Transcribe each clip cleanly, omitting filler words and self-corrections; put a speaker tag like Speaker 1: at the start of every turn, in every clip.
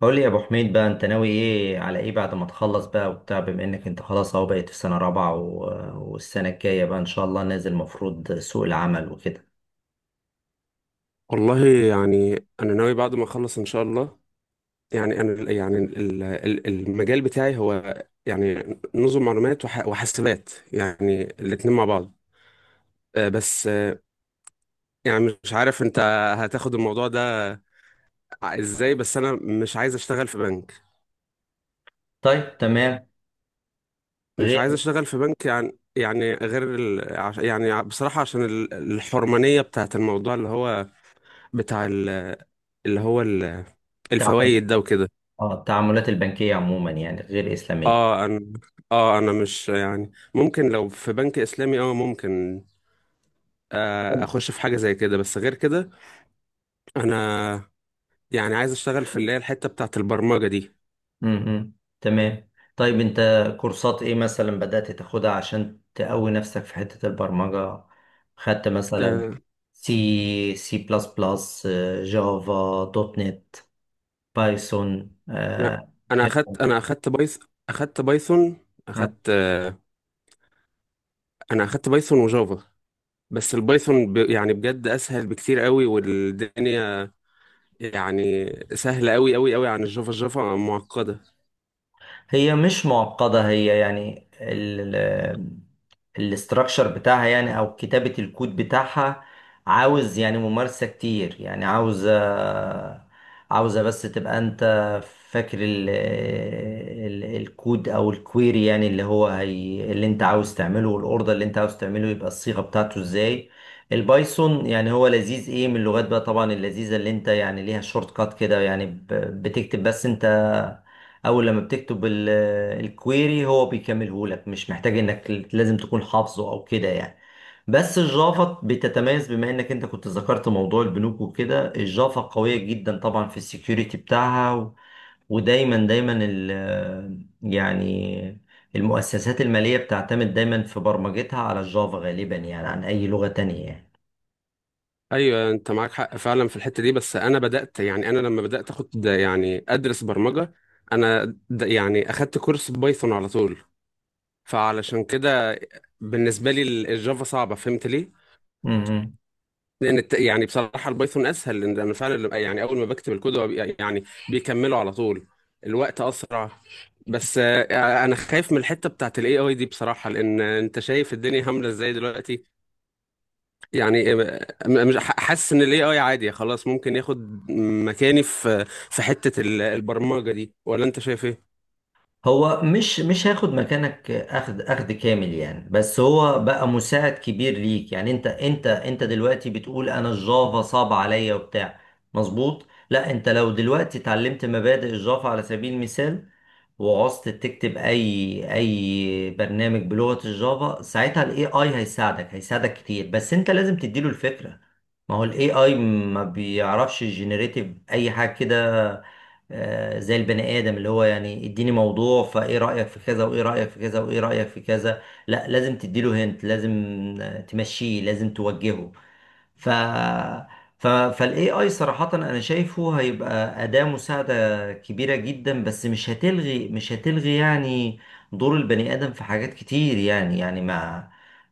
Speaker 1: قول لي يا ابو حميد بقى، انت ناوي ايه على ايه بعد ما تخلص بقى وبتاع؟ بما انك انت خلاص اهو بقيت في سنة رابعة والسنة الجاية بقى ان شاء الله نازل مفروض سوق العمل وكده.
Speaker 2: والله، يعني انا ناوي بعد ما اخلص ان شاء الله. يعني انا يعني المجال بتاعي هو يعني نظم معلومات وحاسبات، يعني الاتنين مع بعض. آه، بس آه، يعني مش عارف انت هتاخد الموضوع ده، ازاي؟ بس انا مش عايز اشتغل في بنك.
Speaker 1: طيب تمام.
Speaker 2: مش عايز
Speaker 1: غير
Speaker 2: اشتغل في بنك، يعني غير ال... عش- يعني ع- بصراحة عشان الحرمانية بتاعت الموضوع اللي هو بتاع ال... اللي هو ال-
Speaker 1: التعامل-
Speaker 2: الفوائد ده وكده.
Speaker 1: التعاملات البنكية عموما يعني غير إسلامية.
Speaker 2: اه انا اه انا مش، يعني ممكن لو في بنك اسلامي، ممكن اخش في حاجه زي كده، بس غير كده. انا يعني عايز اشتغل في اللي هي الحته بتاعه البرمجه دي.
Speaker 1: امم تمام. طيب انت كورسات ايه مثلا بدأت تاخدها عشان تقوي نفسك في حتة البرمجة؟ خدت مثلا
Speaker 2: آه،
Speaker 1: سي سي بلس بلس، جافا دوت نت، بايثون؟
Speaker 2: انا انا اخدت انا اخدت بايث اخدت بايثون، اخدت آه، انا اخدت بايثون وجافا. بس البايثون يعني بجد اسهل بكتير قوي، والدنيا يعني سهله قوي قوي قوي عن الجافا معقده.
Speaker 1: هي مش معقدة، هي يعني الاستراكشر بتاعها يعني او كتابة الكود بتاعها عاوز يعني ممارسة كتير، يعني عاوزة بس تبقى انت فاكر ال ال الكود او الكويري، يعني اللي هو هي اللي انت عاوز تعمله والاوردر اللي انت عاوز تعمله يبقى الصيغة بتاعته ازاي. البايثون يعني هو لذيذ، ايه من اللغات بقى طبعا اللذيذة اللي انت يعني ليها شورت كات كده، يعني بتكتب، بس انت اول لما بتكتب الكويري هو بيكمله لك، مش محتاج انك لازم تكون حافظه او كده يعني. بس الجافا بتتميز، بما انك انت كنت ذكرت موضوع البنوك وكده، الجافا قوية جدا طبعا في السكيورتي بتاعها ودايما دايما يعني المؤسسات المالية بتعتمد دايما في برمجتها على الجافا غالبا يعني عن اي لغة تانية.
Speaker 2: ايوه، انت معاك حق فعلا في الحته دي. بس انا بدات، يعني انا لما بدات اخد يعني ادرس برمجه، انا يعني اخدت كورس بايثون على طول. فعلشان كده بالنسبه لي الجافا صعبه. فهمت ليه؟
Speaker 1: يعني
Speaker 2: لان يعني بصراحه البايثون اسهل، لان انا فعلا يعني اول ما بكتب الكود هو يعني بيكمله على طول. الوقت اسرع. بس انا خايف من الحته بتاعت الاي اي دي بصراحه، لان انت شايف الدنيا عامله ازاي دلوقتي. يعني مش حاسس ان الاي اي عادي خلاص ممكن ياخد مكاني في حته البرمجه دي. ولا انت شايف ايه؟
Speaker 1: هو مش هياخد مكانك، اخد كامل يعني، بس هو بقى مساعد كبير ليك، يعني انت دلوقتي بتقول انا الجافا صعب عليا وبتاع مظبوط؟ لا، انت لو دلوقتي اتعلمت مبادئ الجافا على سبيل المثال، وعوزت تكتب اي برنامج بلغة الجافا، ساعتها الاي اي هيساعدك كتير، بس انت لازم تديله الفكرة. ما هو الاي اي ما بيعرفش جينيريتيف اي حاجة كده، زي البني ادم اللي هو يعني اديني موضوع، فايه رايك في كذا وايه رايك في كذا وايه رايك في كذا. لا، لازم تديله، هنت لازم تمشيه، لازم توجهه. ف ف فالاي اي صراحة انا شايفه هيبقى أداة مساعدة كبيرة جدا، بس مش هتلغي يعني دور البني آدم في حاجات كتير، يعني يعني ما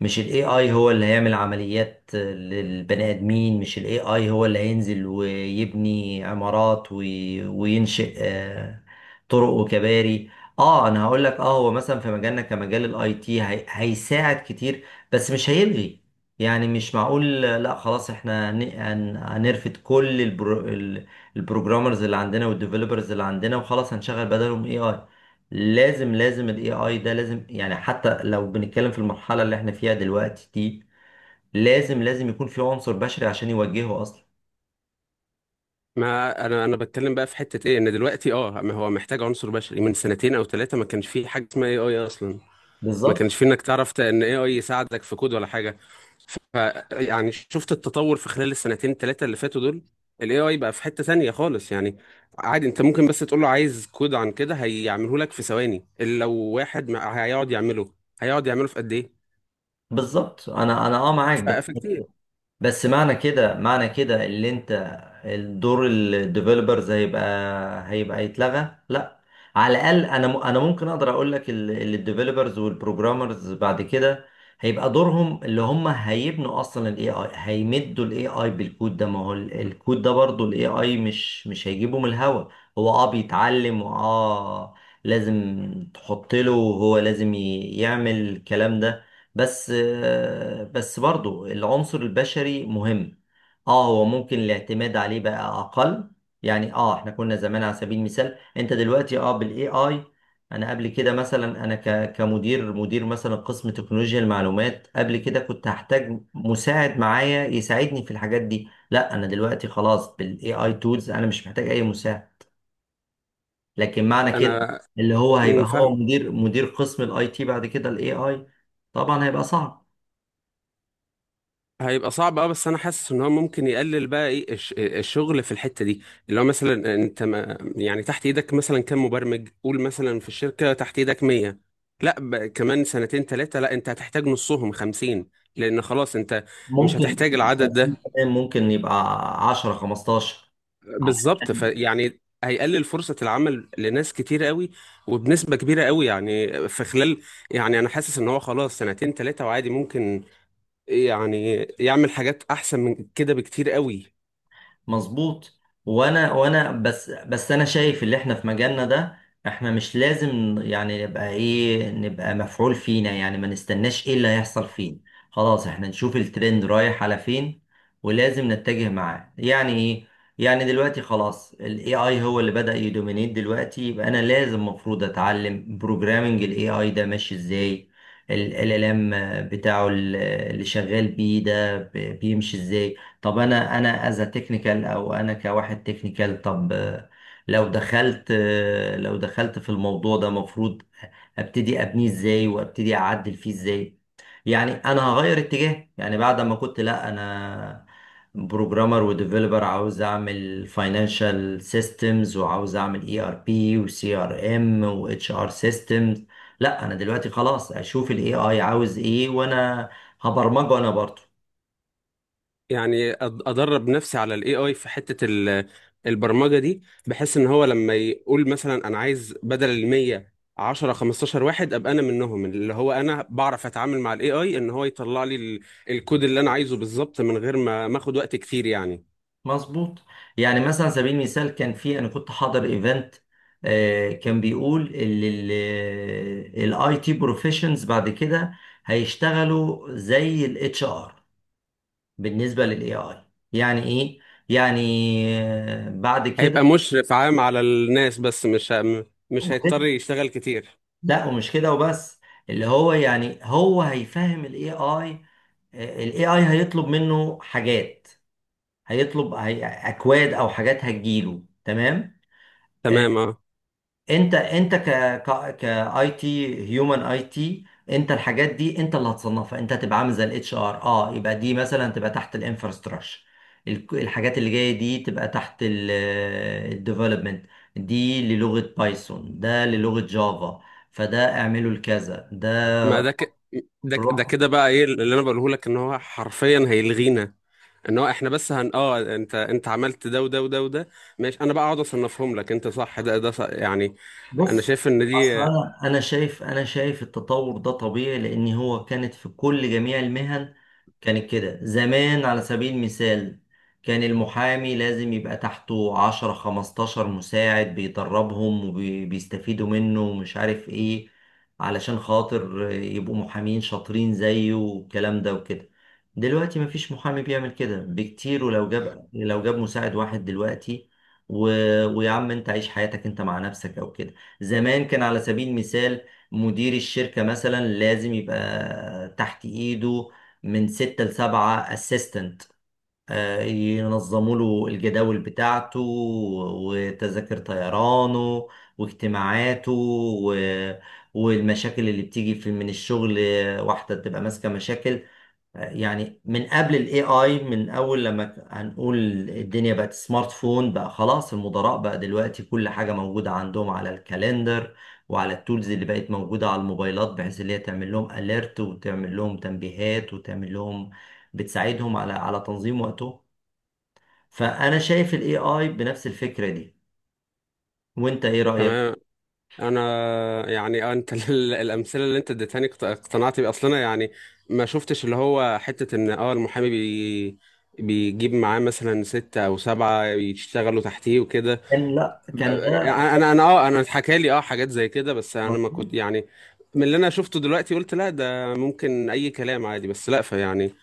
Speaker 1: مش الاي اي هو اللي هيعمل عمليات للبني آدمين، مش الاي اي هو اللي هينزل ويبني عمارات وينشئ طرق وكباري. اه انا هقول لك، اه هو مثلا في مجالنا كمجال الاي تي هيساعد كتير بس مش هيلغي. يعني مش معقول لا خلاص احنا هنرفد كل البروجرامرز اللي عندنا والديفلوبرز اللي عندنا وخلاص هنشغل بدلهم اي اي. لازم الاي اي ده لازم، يعني حتى لو بنتكلم في المرحلة اللي احنا فيها دلوقتي دي لازم يكون في عنصر بشري عشان يوجهه اصلا.
Speaker 2: ما انا بتكلم بقى في حته ايه، ان دلوقتي اه ما هو محتاج عنصر بشري، من سنتين او ثلاثه ما كانش فيه حاجه اسمها اي اي اصلا. ما
Speaker 1: بالظبط.
Speaker 2: كانش في انك تعرف ان اي يساعدك في كود ولا حاجه. ف يعني شفت التطور في خلال السنتين ثلاثه اللي فاتوا دول. الاي اي بقى في حته تانية خالص، يعني. عادي انت ممكن بس تقول له عايز كود عن كده، هيعمله لك في ثواني. اللي لو واحد هيقعد يعمله، هيقعد يعمله في قد ايه؟
Speaker 1: بالظبط، انا اه معاك،
Speaker 2: فكتير.
Speaker 1: بس معنى كده، معنى كده اللي انت الدور الديفلوبرز هيبقى، هيبقى يتلغى؟ لا، على الاقل انا انا ممكن اقدر اقول لك الديفلوبرز والبروجرامرز بعد كده هيبقى دورهم اللي هم هيبنوا اصلا الاي اي، هيمدوا الاي اي بالكود ده. ما هو الكود ده برضو الاي اي مش هيجيبه من الهوا، هو اه بيتعلم واه لازم تحط له، هو لازم يعمل الكلام ده. بس بس برضو العنصر البشري مهم. اه هو ممكن الاعتماد عليه بقى اقل يعني. اه احنا كنا زمان على سبيل المثال، انت دلوقتي اه بالاي اي، انا قبل كده مثلا انا كمدير مثلا قسم تكنولوجيا المعلومات، قبل كده كنت هحتاج مساعد معايا يساعدني في الحاجات دي. لا انا دلوقتي خلاص بالاي اي تولز انا مش محتاج اي مساعد. لكن معنى كده
Speaker 2: انا
Speaker 1: اللي هو هيبقى
Speaker 2: مم،
Speaker 1: هو
Speaker 2: فاهم.
Speaker 1: مدير قسم الاي تي بعد كده الاي اي، طبعا هيبقى صعب.
Speaker 2: هيبقى صعب، اه، بس انا حاسس ان هو ممكن يقلل بقى ايه الشغل في الحته دي. اللي هو مثلا انت، ما يعني، تحت ايدك مثلا كام مبرمج؟ قول مثلا في الشركه تحت ايدك 100. لا، كمان سنتين ثلاثه لا انت هتحتاج نصهم، 50. لان خلاص انت مش
Speaker 1: ممكن
Speaker 2: هتحتاج العدد
Speaker 1: 50
Speaker 2: ده.
Speaker 1: كمان، ممكن يبقى 10 15.
Speaker 2: بالظبط. فيعني هيقلل فرصه العمل لناس كتير قوي، وبنسبه كبيره قوي، يعني في خلال، يعني انا حاسس ان هو خلاص سنتين ثلاثه وعادي ممكن يعني يعمل حاجات احسن من كده بكتير قوي.
Speaker 1: مظبوط. وانا بس انا شايف اللي احنا في مجالنا ده، احنا مش لازم يعني نبقى ايه، نبقى مفعول فينا، يعني ما نستناش ايه اللي هيحصل فينا، خلاص احنا نشوف الترند رايح على فين ولازم نتجه معاه يعني ايه. يعني دلوقتي خلاص الاي اي هو اللي بدأ يدومينيت دلوقتي، يبقى انا لازم، المفروض اتعلم بروجرامنج الاي اي ده ماشي ازاي، ال ام بتاعه اللي شغال بيه ده بيمشي ازاي. طب انا انا از تكنيكال، او انا كواحد تكنيكال، طب لو دخلت، لو دخلت في الموضوع ده مفروض ابتدي ابنيه ازاي وابتدي اعدل فيه ازاي. يعني انا هغير اتجاه يعني بعد ما كنت، لا انا بروجرامر وديفلوبر عاوز اعمل فاينانشال سيستمز وعاوز اعمل اي ار بي وسي ار ام واتش ار سيستمز، لا انا دلوقتي خلاص اشوف الاي اي عاوز ايه وانا هبرمجه انا برضه.
Speaker 2: يعني ادرب نفسي على الاي اي في حته البرمجه دي، بحيث ان هو لما يقول مثلا انا عايز بدل ال 100، 10 15 واحد، ابقى انا منهم، اللي هو انا بعرف اتعامل مع الاي اي ان هو يطلع لي الكود اللي انا عايزه بالظبط من غير ما اخد وقت كتير، يعني.
Speaker 1: مظبوط. يعني مثلا على سبيل المثال كان في، انا كنت حاضر ايفنت، كان بيقول الاي تي بروفيشنز بعد كده هيشتغلوا زي الاتش ار بالنسبه للاي اي. يعني ايه؟ يعني بعد كده.
Speaker 2: هيبقى مشرف عام على الناس، بس مش هيضطر يشتغل كتير.
Speaker 1: لا ومش كده وبس، اللي هو يعني هو هيفهم الاي اي، الاي اي هيطلب منه حاجات، هيطلب اكواد او حاجات هتجيله تمام.
Speaker 2: تمام، اه.
Speaker 1: انت انت ك ك كاي تي هيومن اي تي، انت الحاجات دي انت اللي هتصنفها، انت هتبقى عامل زي الاتش ار. اه يبقى دي مثلا تبقى تحت الانفراستراكشر، الحاجات اللي جايه دي تبقى تحت الديفلوبمنت، دي للغه بايثون، ده للغه جافا، فده اعمله لكذا ده.
Speaker 2: ما ده
Speaker 1: روح
Speaker 2: كده بقى، ايه اللي انا بقوله لك؟ ان هو حرفيا هيلغينا. ان هو احنا بس هن اه انت عملت ده وده وده وده. ماشي، انا بقى اقعد اصنفهم لك. انت صح، ده صح، يعني. انا
Speaker 1: بص.
Speaker 2: شايف ان
Speaker 1: اصل
Speaker 2: دي.
Speaker 1: انا شايف، انا شايف التطور ده طبيعي، لان هو كانت في كل جميع المهن كانت كده زمان، على سبيل المثال كان المحامي لازم يبقى تحته 10 15 مساعد بيدربهم وبيستفيدوا منه ومش عارف ايه علشان خاطر يبقوا محامين شاطرين زيه والكلام ده وكده. دلوقتي مفيش محامي بيعمل كده بكتير، ولو جاب، لو جاب مساعد واحد دلوقتي و... ويا عم انت عيش حياتك انت مع نفسك او كده. زمان كان على سبيل المثال مدير الشركة مثلا لازم يبقى تحت ايده من ستة لسبعة اسيستنت، ينظموا له الجداول بتاعته وتذاكر طيرانه واجتماعاته و... والمشاكل اللي بتيجي في من الشغل، واحدة تبقى ماسكة مشاكل، يعني من قبل الاي اي. من اول لما هنقول الدنيا بقت سمارت فون بقى، خلاص المدراء بقى دلوقتي كل حاجة موجودة عندهم على الكالندر وعلى التولز اللي بقت موجودة على الموبايلات، بحيث اللي هي تعمل لهم اليرت وتعمل لهم تنبيهات وتعمل لهم، بتساعدهم على، على تنظيم وقته. فانا شايف الاي اي بنفس الفكرة دي، وانت ايه رأيك؟
Speaker 2: تمام. انا يعني آه، انت الامثله اللي انت اديتهاني اقتنعت بيه اصلا، انا يعني ما شفتش، اللي هو حته، ان اه المحامي بيجيب معاه مثلا 6 أو 7 يشتغلوا تحتيه وكده.
Speaker 1: كان لا كان ده.
Speaker 2: انا اتحكى لي اه حاجات زي كده، بس انا ما
Speaker 1: مظبوط.
Speaker 2: كنت يعني. من اللي انا شفته دلوقتي قلت لا، ده ممكن اي كلام عادي، بس لا، فيعني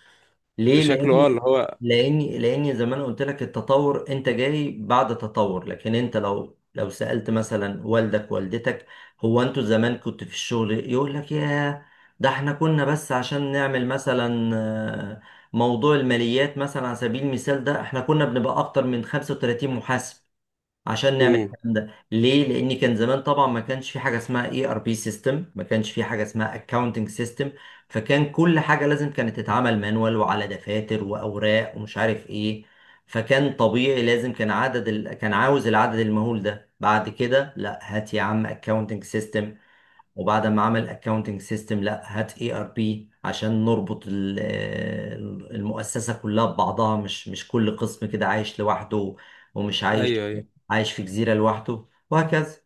Speaker 1: ليه؟
Speaker 2: شكله
Speaker 1: لان
Speaker 2: اه اللي هو.
Speaker 1: لاني لاني زي ما انا قلت لك، التطور انت جاي بعد تطور، لكن انت لو سألت مثلا والدك والدتك، هو انتوا زمان كنت في الشغل، يقول لك يا، ده احنا كنا بس عشان نعمل مثلا موضوع الماليات مثلا على سبيل المثال، ده احنا كنا بنبقى اكتر من 35 محاسب عشان نعمل
Speaker 2: امم.
Speaker 1: الكلام ده. ليه؟ لان كان زمان طبعا ما كانش في حاجه اسمها اي ار بي سيستم، ما كانش في حاجه اسمها اكاونتنج سيستم، فكان كل حاجه لازم كانت تتعمل مانوال وعلى دفاتر واوراق ومش عارف ايه. فكان طبيعي لازم كان عدد كان عاوز العدد المهول ده. بعد كده لا هات يا عم اكاونتنج سيستم، وبعد ما عمل اكاونتنج سيستم لا هات اي ار بي عشان نربط المؤسسة كلها ببعضها، مش كل قسم كده عايش لوحده، ومش عايش،
Speaker 2: ايوه، ايوه.
Speaker 1: عايش في جزيرة لوحده، وهكذا.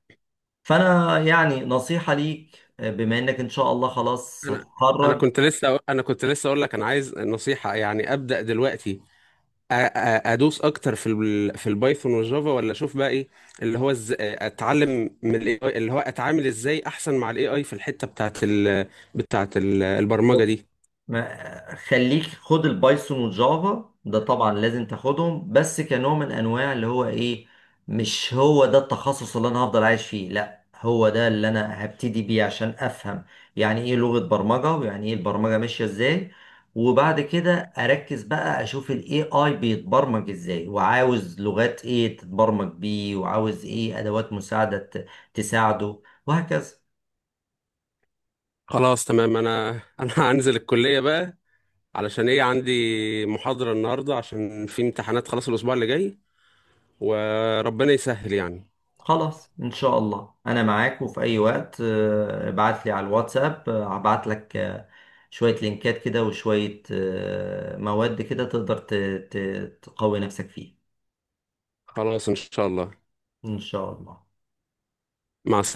Speaker 1: فانا يعني نصيحة ليك، بما انك ان شاء الله خلاص
Speaker 2: انا انا
Speaker 1: هتتخرج،
Speaker 2: كنت لسه انا كنت لسه اقول لك انا عايز نصيحة، يعني ابدا دلوقتي. ادوس اكتر في البايثون والجافا، ولا اشوف بقى ايه اللي هو، اتعلم من الاي اي، اللي هو اتعامل ازاي احسن مع الاي اي في الحتة بتاعت البرمجة دي.
Speaker 1: ما خليك خد البايثون والجافا ده طبعا لازم تاخدهم، بس كنوع من انواع اللي هو ايه، مش هو ده التخصص اللي انا هفضل عايش فيه، لا هو ده اللي انا هبتدي بيه عشان افهم يعني ايه لغة برمجة ويعني ايه البرمجة ماشية ازاي. وبعد كده اركز بقى اشوف الاي اي بيتبرمج ازاي وعاوز لغات ايه تتبرمج بيه وعاوز ايه ادوات مساعدة تساعده، وهكذا.
Speaker 2: خلاص، تمام. انا هنزل الكلية بقى، علشان ايه؟ عندي محاضرة النهاردة، عشان في امتحانات، خلاص الأسبوع اللي جاي. وربنا يسهل، يعني.
Speaker 1: خلاص ان شاء الله انا معاك، وفي اي وقت ابعت لي على الواتساب، هبعت لك شوية لينكات كده وشوية مواد كده تقدر تقوي نفسك فيها.
Speaker 2: خلاص إن شاء الله.
Speaker 1: ان شاء الله.
Speaker 2: مع